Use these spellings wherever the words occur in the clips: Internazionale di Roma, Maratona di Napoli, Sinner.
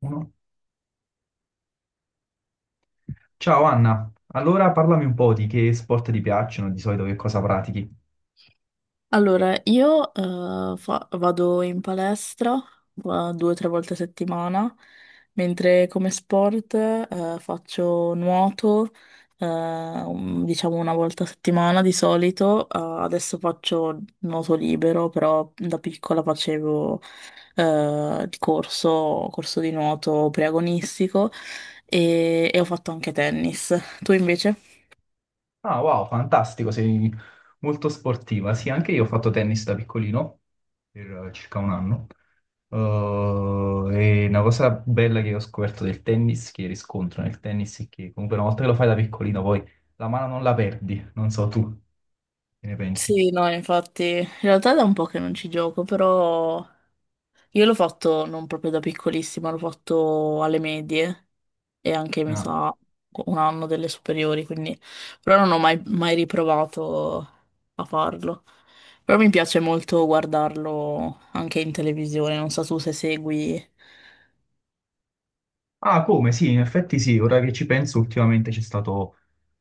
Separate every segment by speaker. Speaker 1: Uno. Ciao Anna, allora parlami un po' di che sport ti piacciono, di solito che cosa pratichi.
Speaker 2: Allora, io vado in palestra due o tre volte a settimana, mentre come sport faccio nuoto, diciamo una volta a settimana di solito. Adesso faccio nuoto libero, però da piccola facevo il corso di nuoto preagonistico e ho fatto anche tennis. Tu invece?
Speaker 1: Ah, wow, fantastico, sei molto sportiva. Sì, anche io ho fatto tennis da piccolino, per circa un anno. E una cosa bella che ho scoperto del tennis, che riscontro nel tennis, è che comunque una volta che lo fai da piccolino, poi la mano non la perdi, non so tu, che ne pensi?
Speaker 2: Sì, no, infatti, in realtà è da un po' che non ci gioco, però io l'ho fatto non proprio da piccolissima, l'ho fatto alle medie e anche mi
Speaker 1: No.
Speaker 2: sa un anno delle superiori, quindi però non ho mai, mai riprovato a farlo. Però mi piace molto guardarlo anche in televisione, non so tu se segui.
Speaker 1: Ah, come? Sì, in effetti sì, ora che ci penso, ultimamente c'è stato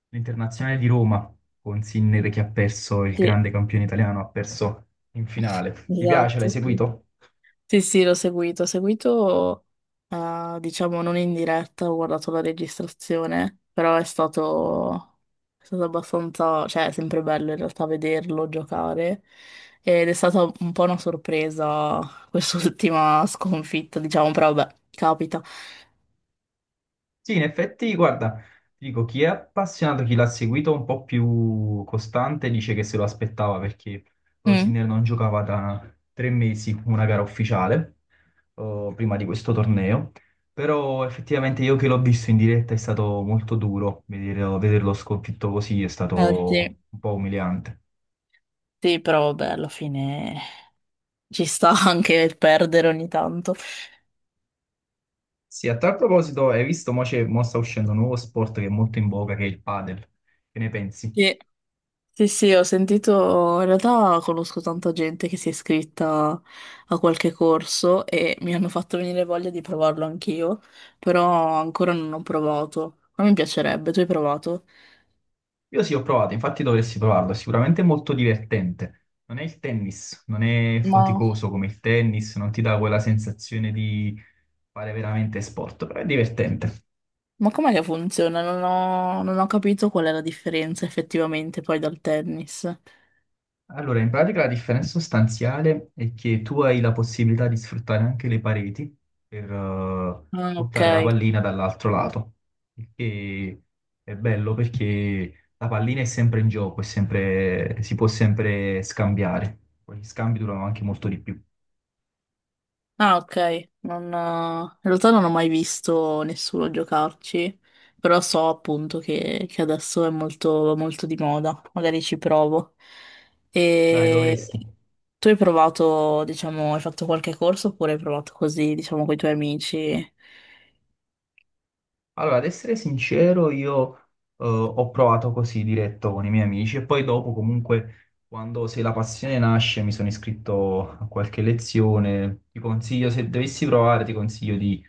Speaker 1: l'Internazionale di Roma con Sinner che ha perso il
Speaker 2: Sì,
Speaker 1: grande campione italiano, ha perso in finale. Ti piace? L'hai
Speaker 2: esatto, sì.
Speaker 1: seguito?
Speaker 2: Sì, sì, l'ho seguito. Ho seguito, diciamo, non in diretta, ho guardato la registrazione, però è è stato abbastanza, cioè, è sempre bello in realtà vederlo giocare. Ed è stata un po' una sorpresa quest'ultima sconfitta, diciamo, però vabbè, capita.
Speaker 1: Sì, in effetti, guarda, ti dico, chi è appassionato, chi l'ha seguito un po' più costante, dice che se lo aspettava perché
Speaker 2: Mm,
Speaker 1: Sinner non giocava da tre mesi una gara ufficiale, prima di questo torneo. Però effettivamente io che l'ho visto in diretta è stato molto duro, vederlo sconfitto così è
Speaker 2: sì,
Speaker 1: stato un po' umiliante.
Speaker 2: sì, però vabbè, alla fine ci sta anche perdere ogni tanto.
Speaker 1: Sì, a tal proposito, hai visto, mo, mo sta uscendo un nuovo sport che è molto in voga, che è il padel. Che ne pensi?
Speaker 2: Sì. Sì, sì, ho sentito, in realtà conosco tanta gente che si è iscritta a qualche corso e mi hanno fatto venire voglia di provarlo anch'io, però ancora non ho provato. Ma mi piacerebbe, tu hai provato?
Speaker 1: Io sì, ho provato, infatti dovresti provarlo, è sicuramente molto divertente. Non è il tennis, non è
Speaker 2: Ma,
Speaker 1: faticoso come il tennis, non ti dà quella sensazione di fare veramente sport, però è divertente.
Speaker 2: ma com'è che funziona? Non ho capito qual è la differenza effettivamente poi dal tennis.
Speaker 1: Allora, in pratica la differenza sostanziale è che tu hai la possibilità di sfruttare anche le pareti per
Speaker 2: Ah, ok.
Speaker 1: buttare la pallina dall'altro lato, il che è bello perché la pallina è sempre in gioco, si può sempre scambiare. Poi gli scambi durano anche molto di più.
Speaker 2: Ah, ok. Non, in realtà non ho mai visto nessuno giocarci, però so appunto che adesso è molto di moda, magari ci provo.
Speaker 1: Dai,
Speaker 2: E
Speaker 1: dovresti.
Speaker 2: tu hai provato, diciamo, hai fatto qualche corso oppure hai provato così, diciamo, con i tuoi amici?
Speaker 1: Allora, ad essere sincero, io ho provato così diretto con i miei amici e poi dopo comunque, quando se la passione nasce, mi sono iscritto a qualche lezione. Ti consiglio, se dovessi provare, ti consiglio di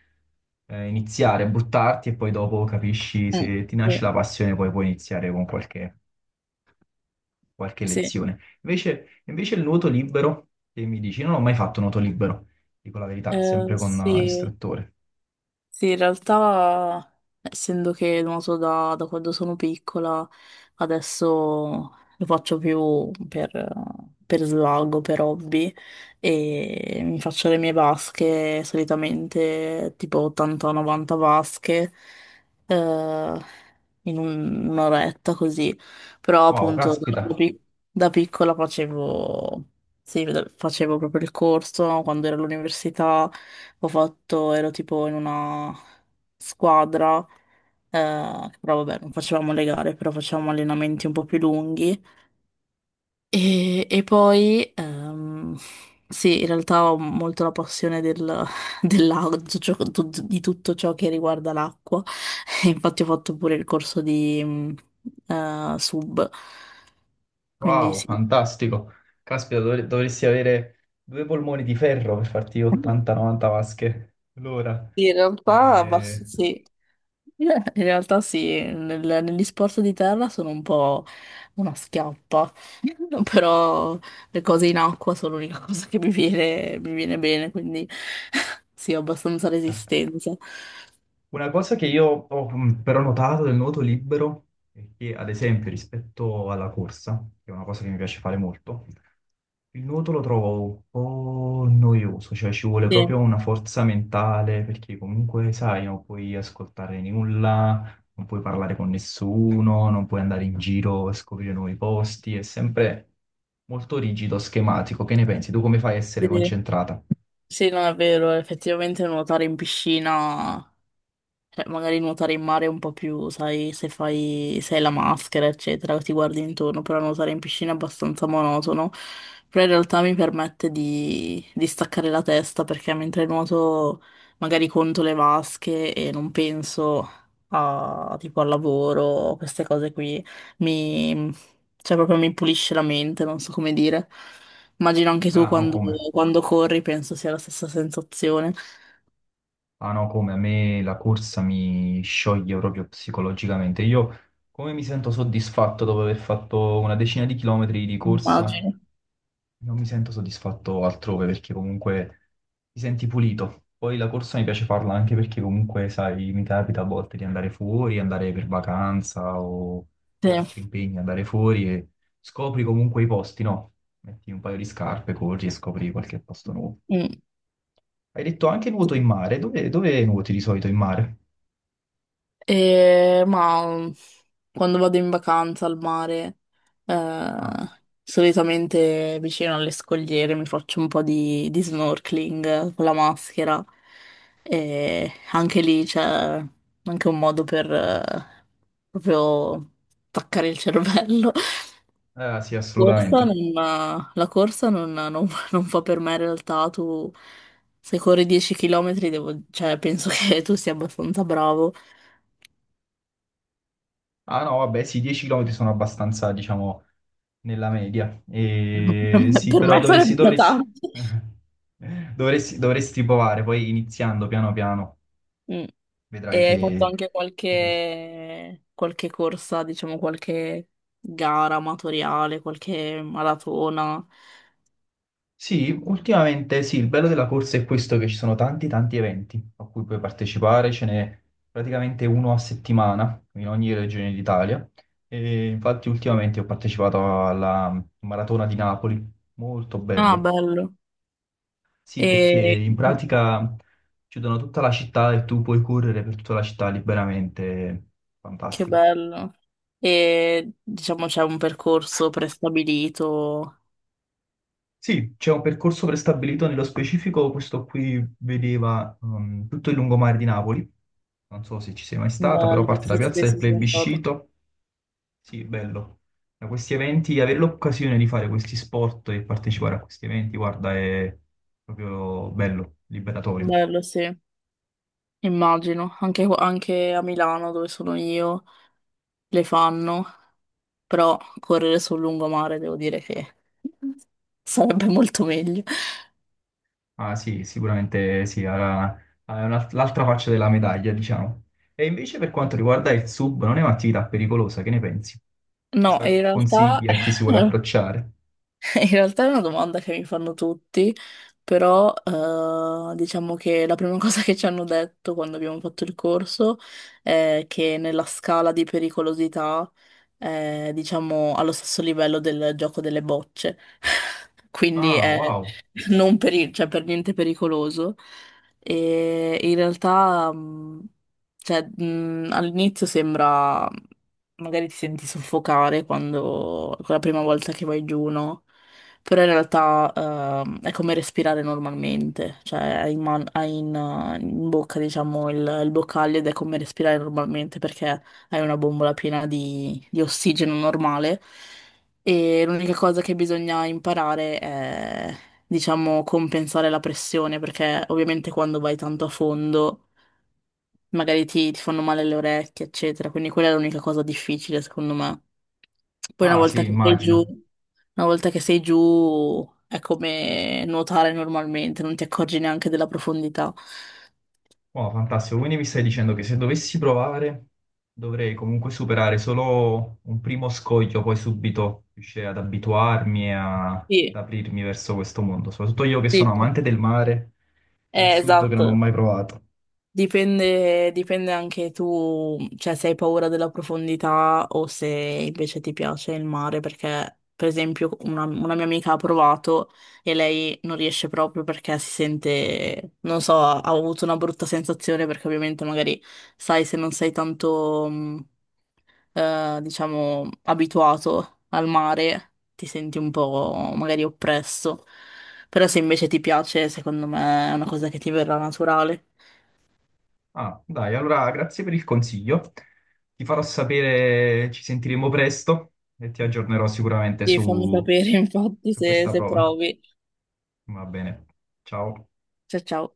Speaker 1: iniziare, buttarti e poi dopo capisci
Speaker 2: Mm,
Speaker 1: se ti
Speaker 2: sì.
Speaker 1: nasce la passione, poi puoi iniziare con qualche
Speaker 2: Sì.
Speaker 1: lezione. Invece il nuoto libero, che mi dici, non ho mai fatto nuoto libero, dico la verità, sempre con
Speaker 2: Sì.
Speaker 1: l'istruttore.
Speaker 2: Sì, in realtà, essendo che non so, da quando sono piccola, adesso lo faccio più per svago, per hobby, e mi faccio le mie vasche, solitamente tipo 80-90 vasche, eh, un'oretta così. Però
Speaker 1: Wow,
Speaker 2: appunto
Speaker 1: caspita.
Speaker 2: da piccola facevo, facevo proprio il corso quando ero all'università ho fatto, ero tipo in una squadra, però vabbè, non facevamo le gare, però facevamo allenamenti un po' più lunghi. E poi, sì, in realtà ho molto la passione del, dell'acqua, di ciò- di tutto ciò che riguarda l'acqua. E infatti ho fatto pure il corso di sub, quindi
Speaker 1: Wow,
Speaker 2: sì.
Speaker 1: fantastico. Caspita, dovresti avere due polmoni di ferro per farti 80-90 vasche l'ora.
Speaker 2: Sì, in realtà, basta,
Speaker 1: Eh,
Speaker 2: sì. In realtà sì, negli sport di terra sono un po' una schiappa, però le cose in acqua sono l'unica cosa che mi viene bene, quindi sì, ho abbastanza
Speaker 1: ah,
Speaker 2: resistenza.
Speaker 1: una cosa che io ho però notato del nuoto libero è che, ad esempio, rispetto alla corsa, che è una cosa che mi piace fare molto, il nuoto lo trovo un po' noioso, cioè ci vuole
Speaker 2: Sì,
Speaker 1: proprio una forza mentale perché comunque, sai, non puoi ascoltare nulla, non puoi parlare con nessuno, non puoi andare in giro a scoprire nuovi posti, è sempre molto rigido, schematico. Che ne pensi? Tu come fai a essere
Speaker 2: sì,
Speaker 1: concentrata?
Speaker 2: sì, non è vero, effettivamente nuotare in piscina, cioè, magari nuotare in mare è un po' più, sai, se fai, se hai la maschera, eccetera, ti guardi intorno, però nuotare in piscina è abbastanza monotono. Però in realtà mi permette di staccare la testa perché mentre nuoto magari conto le vasche e non penso a, tipo, al lavoro, queste cose qui, mi, cioè proprio mi pulisce la mente, non so come dire. Immagino anche tu
Speaker 1: Ah, no,
Speaker 2: quando,
Speaker 1: come?
Speaker 2: quando corri, penso sia la stessa sensazione.
Speaker 1: Ah no, come a me la corsa mi scioglie proprio psicologicamente. Io come mi sento soddisfatto dopo aver fatto una decina di chilometri di corsa,
Speaker 2: Immagino.
Speaker 1: non mi sento soddisfatto altrove perché comunque ti senti pulito. Poi la corsa mi piace farla anche perché comunque, sai, mi capita a volte di andare fuori, andare per vacanza o
Speaker 2: Sì.
Speaker 1: per altri impegni, andare fuori e scopri comunque i posti, no? Metti un paio di scarpe, corri e scopri qualche posto nuovo.
Speaker 2: Mm.
Speaker 1: Hai detto anche nuoto in mare. Dove, dove nuoti di solito in mare?
Speaker 2: Ma quando vado in vacanza al mare, eh,
Speaker 1: Ah,
Speaker 2: solitamente vicino alle scogliere mi faccio un po' di snorkeling con la maschera e anche lì c'è anche un modo per proprio attaccare il cervello.
Speaker 1: sì,
Speaker 2: Corsa
Speaker 1: assolutamente.
Speaker 2: non- la corsa non fa per me in realtà, tu se corri 10 km cioè, penso che tu sia abbastanza bravo.
Speaker 1: Ah no, vabbè, sì, 10 km sono abbastanza, diciamo, nella media. E sì,
Speaker 2: Per
Speaker 1: però
Speaker 2: me sarebbero
Speaker 1: dovresti,
Speaker 2: tanti.
Speaker 1: dovresti provare, poi iniziando piano piano,
Speaker 2: Mm. E
Speaker 1: vedrai che
Speaker 2: hai fatto anche
Speaker 1: che riesci.
Speaker 2: qualche corsa, diciamo qualche gara amatoriale, qualche maratona.
Speaker 1: Sì, ultimamente sì, il bello della corsa è questo che ci sono tanti tanti eventi a cui puoi partecipare, ce n'è praticamente uno a settimana in ogni regione d'Italia e infatti ultimamente ho partecipato alla Maratona di Napoli, molto
Speaker 2: Ah,
Speaker 1: bello.
Speaker 2: bello.
Speaker 1: Sì, perché
Speaker 2: E
Speaker 1: in pratica chiudono tutta la città e tu puoi correre per tutta la città liberamente,
Speaker 2: che
Speaker 1: fantastico.
Speaker 2: bello. E diciamo c'è un percorso prestabilito.
Speaker 1: Sì, c'è un percorso prestabilito nello specifico, questo qui vedeva tutto il lungomare di Napoli. Non so se ci sei mai stata, però
Speaker 2: Bello,
Speaker 1: parte
Speaker 2: sì,
Speaker 1: la
Speaker 2: sì,
Speaker 1: piazza del
Speaker 2: sì, sono stato.
Speaker 1: plebiscito. Sì, bello. Da questi eventi, avere l'occasione di fare questi sport e partecipare a questi eventi, guarda, è proprio bello, liberatorio.
Speaker 2: Bello, sì. Immagino, anche a Milano dove sono io le fanno però correre sul lungomare devo dire che sarebbe molto meglio.
Speaker 1: Ah sì, sicuramente sì, l'altra faccia della medaglia, diciamo. E invece per quanto riguarda il sub, non è un'attività pericolosa, che ne pensi?
Speaker 2: No,
Speaker 1: Cosa
Speaker 2: in realtà.
Speaker 1: consigli a chi si vuole approcciare?
Speaker 2: In realtà è una domanda che mi fanno tutti, però diciamo che la prima cosa che ci hanno detto quando abbiamo fatto il corso è che nella scala di pericolosità è, diciamo, allo stesso livello del gioco delle bocce, quindi
Speaker 1: Ah,
Speaker 2: è
Speaker 1: wow.
Speaker 2: non peri- cioè, per niente pericoloso. E in realtà, all'inizio sembra magari ti senti soffocare quando, la prima volta che vai giù, no? Però in realtà è come respirare normalmente, cioè hai in bocca diciamo il boccaglio ed è come respirare normalmente perché hai una bombola piena di ossigeno normale e l'unica cosa che bisogna imparare è diciamo compensare la pressione perché ovviamente quando vai tanto a fondo magari ti fanno male le orecchie eccetera, quindi quella è l'unica cosa difficile secondo me. Poi una
Speaker 1: Ah
Speaker 2: volta
Speaker 1: sì,
Speaker 2: che sei giù,
Speaker 1: immagino.
Speaker 2: una volta che sei giù è come nuotare normalmente, non ti accorgi neanche della profondità.
Speaker 1: Oh, fantastico, quindi mi stai dicendo che se dovessi provare dovrei comunque superare solo un primo scoglio, poi subito riuscire ad abituarmi e ad
Speaker 2: Sì,
Speaker 1: aprirmi verso questo mondo, soprattutto io che sono
Speaker 2: sì,
Speaker 1: amante del mare, è assurdo che non ho
Speaker 2: esatto.
Speaker 1: mai provato.
Speaker 2: Dipende, dipende anche tu, cioè se hai paura della profondità o se invece ti piace il mare, perché per esempio una mia amica ha provato e lei non riesce proprio perché si sente, non so, ha avuto una brutta sensazione perché ovviamente magari sai se non sei tanto... diciamo, abituato al mare, ti senti un po' magari oppresso. Però se invece ti piace, secondo me è una cosa che ti verrà naturale.
Speaker 1: Ah, dai, allora grazie per il consiglio, ti farò sapere, ci sentiremo presto e ti aggiornerò sicuramente
Speaker 2: Sì, fammi
Speaker 1: su,
Speaker 2: sapere infatti
Speaker 1: su questa
Speaker 2: se
Speaker 1: prova.
Speaker 2: provi.
Speaker 1: Va bene, ciao.
Speaker 2: Ciao ciao.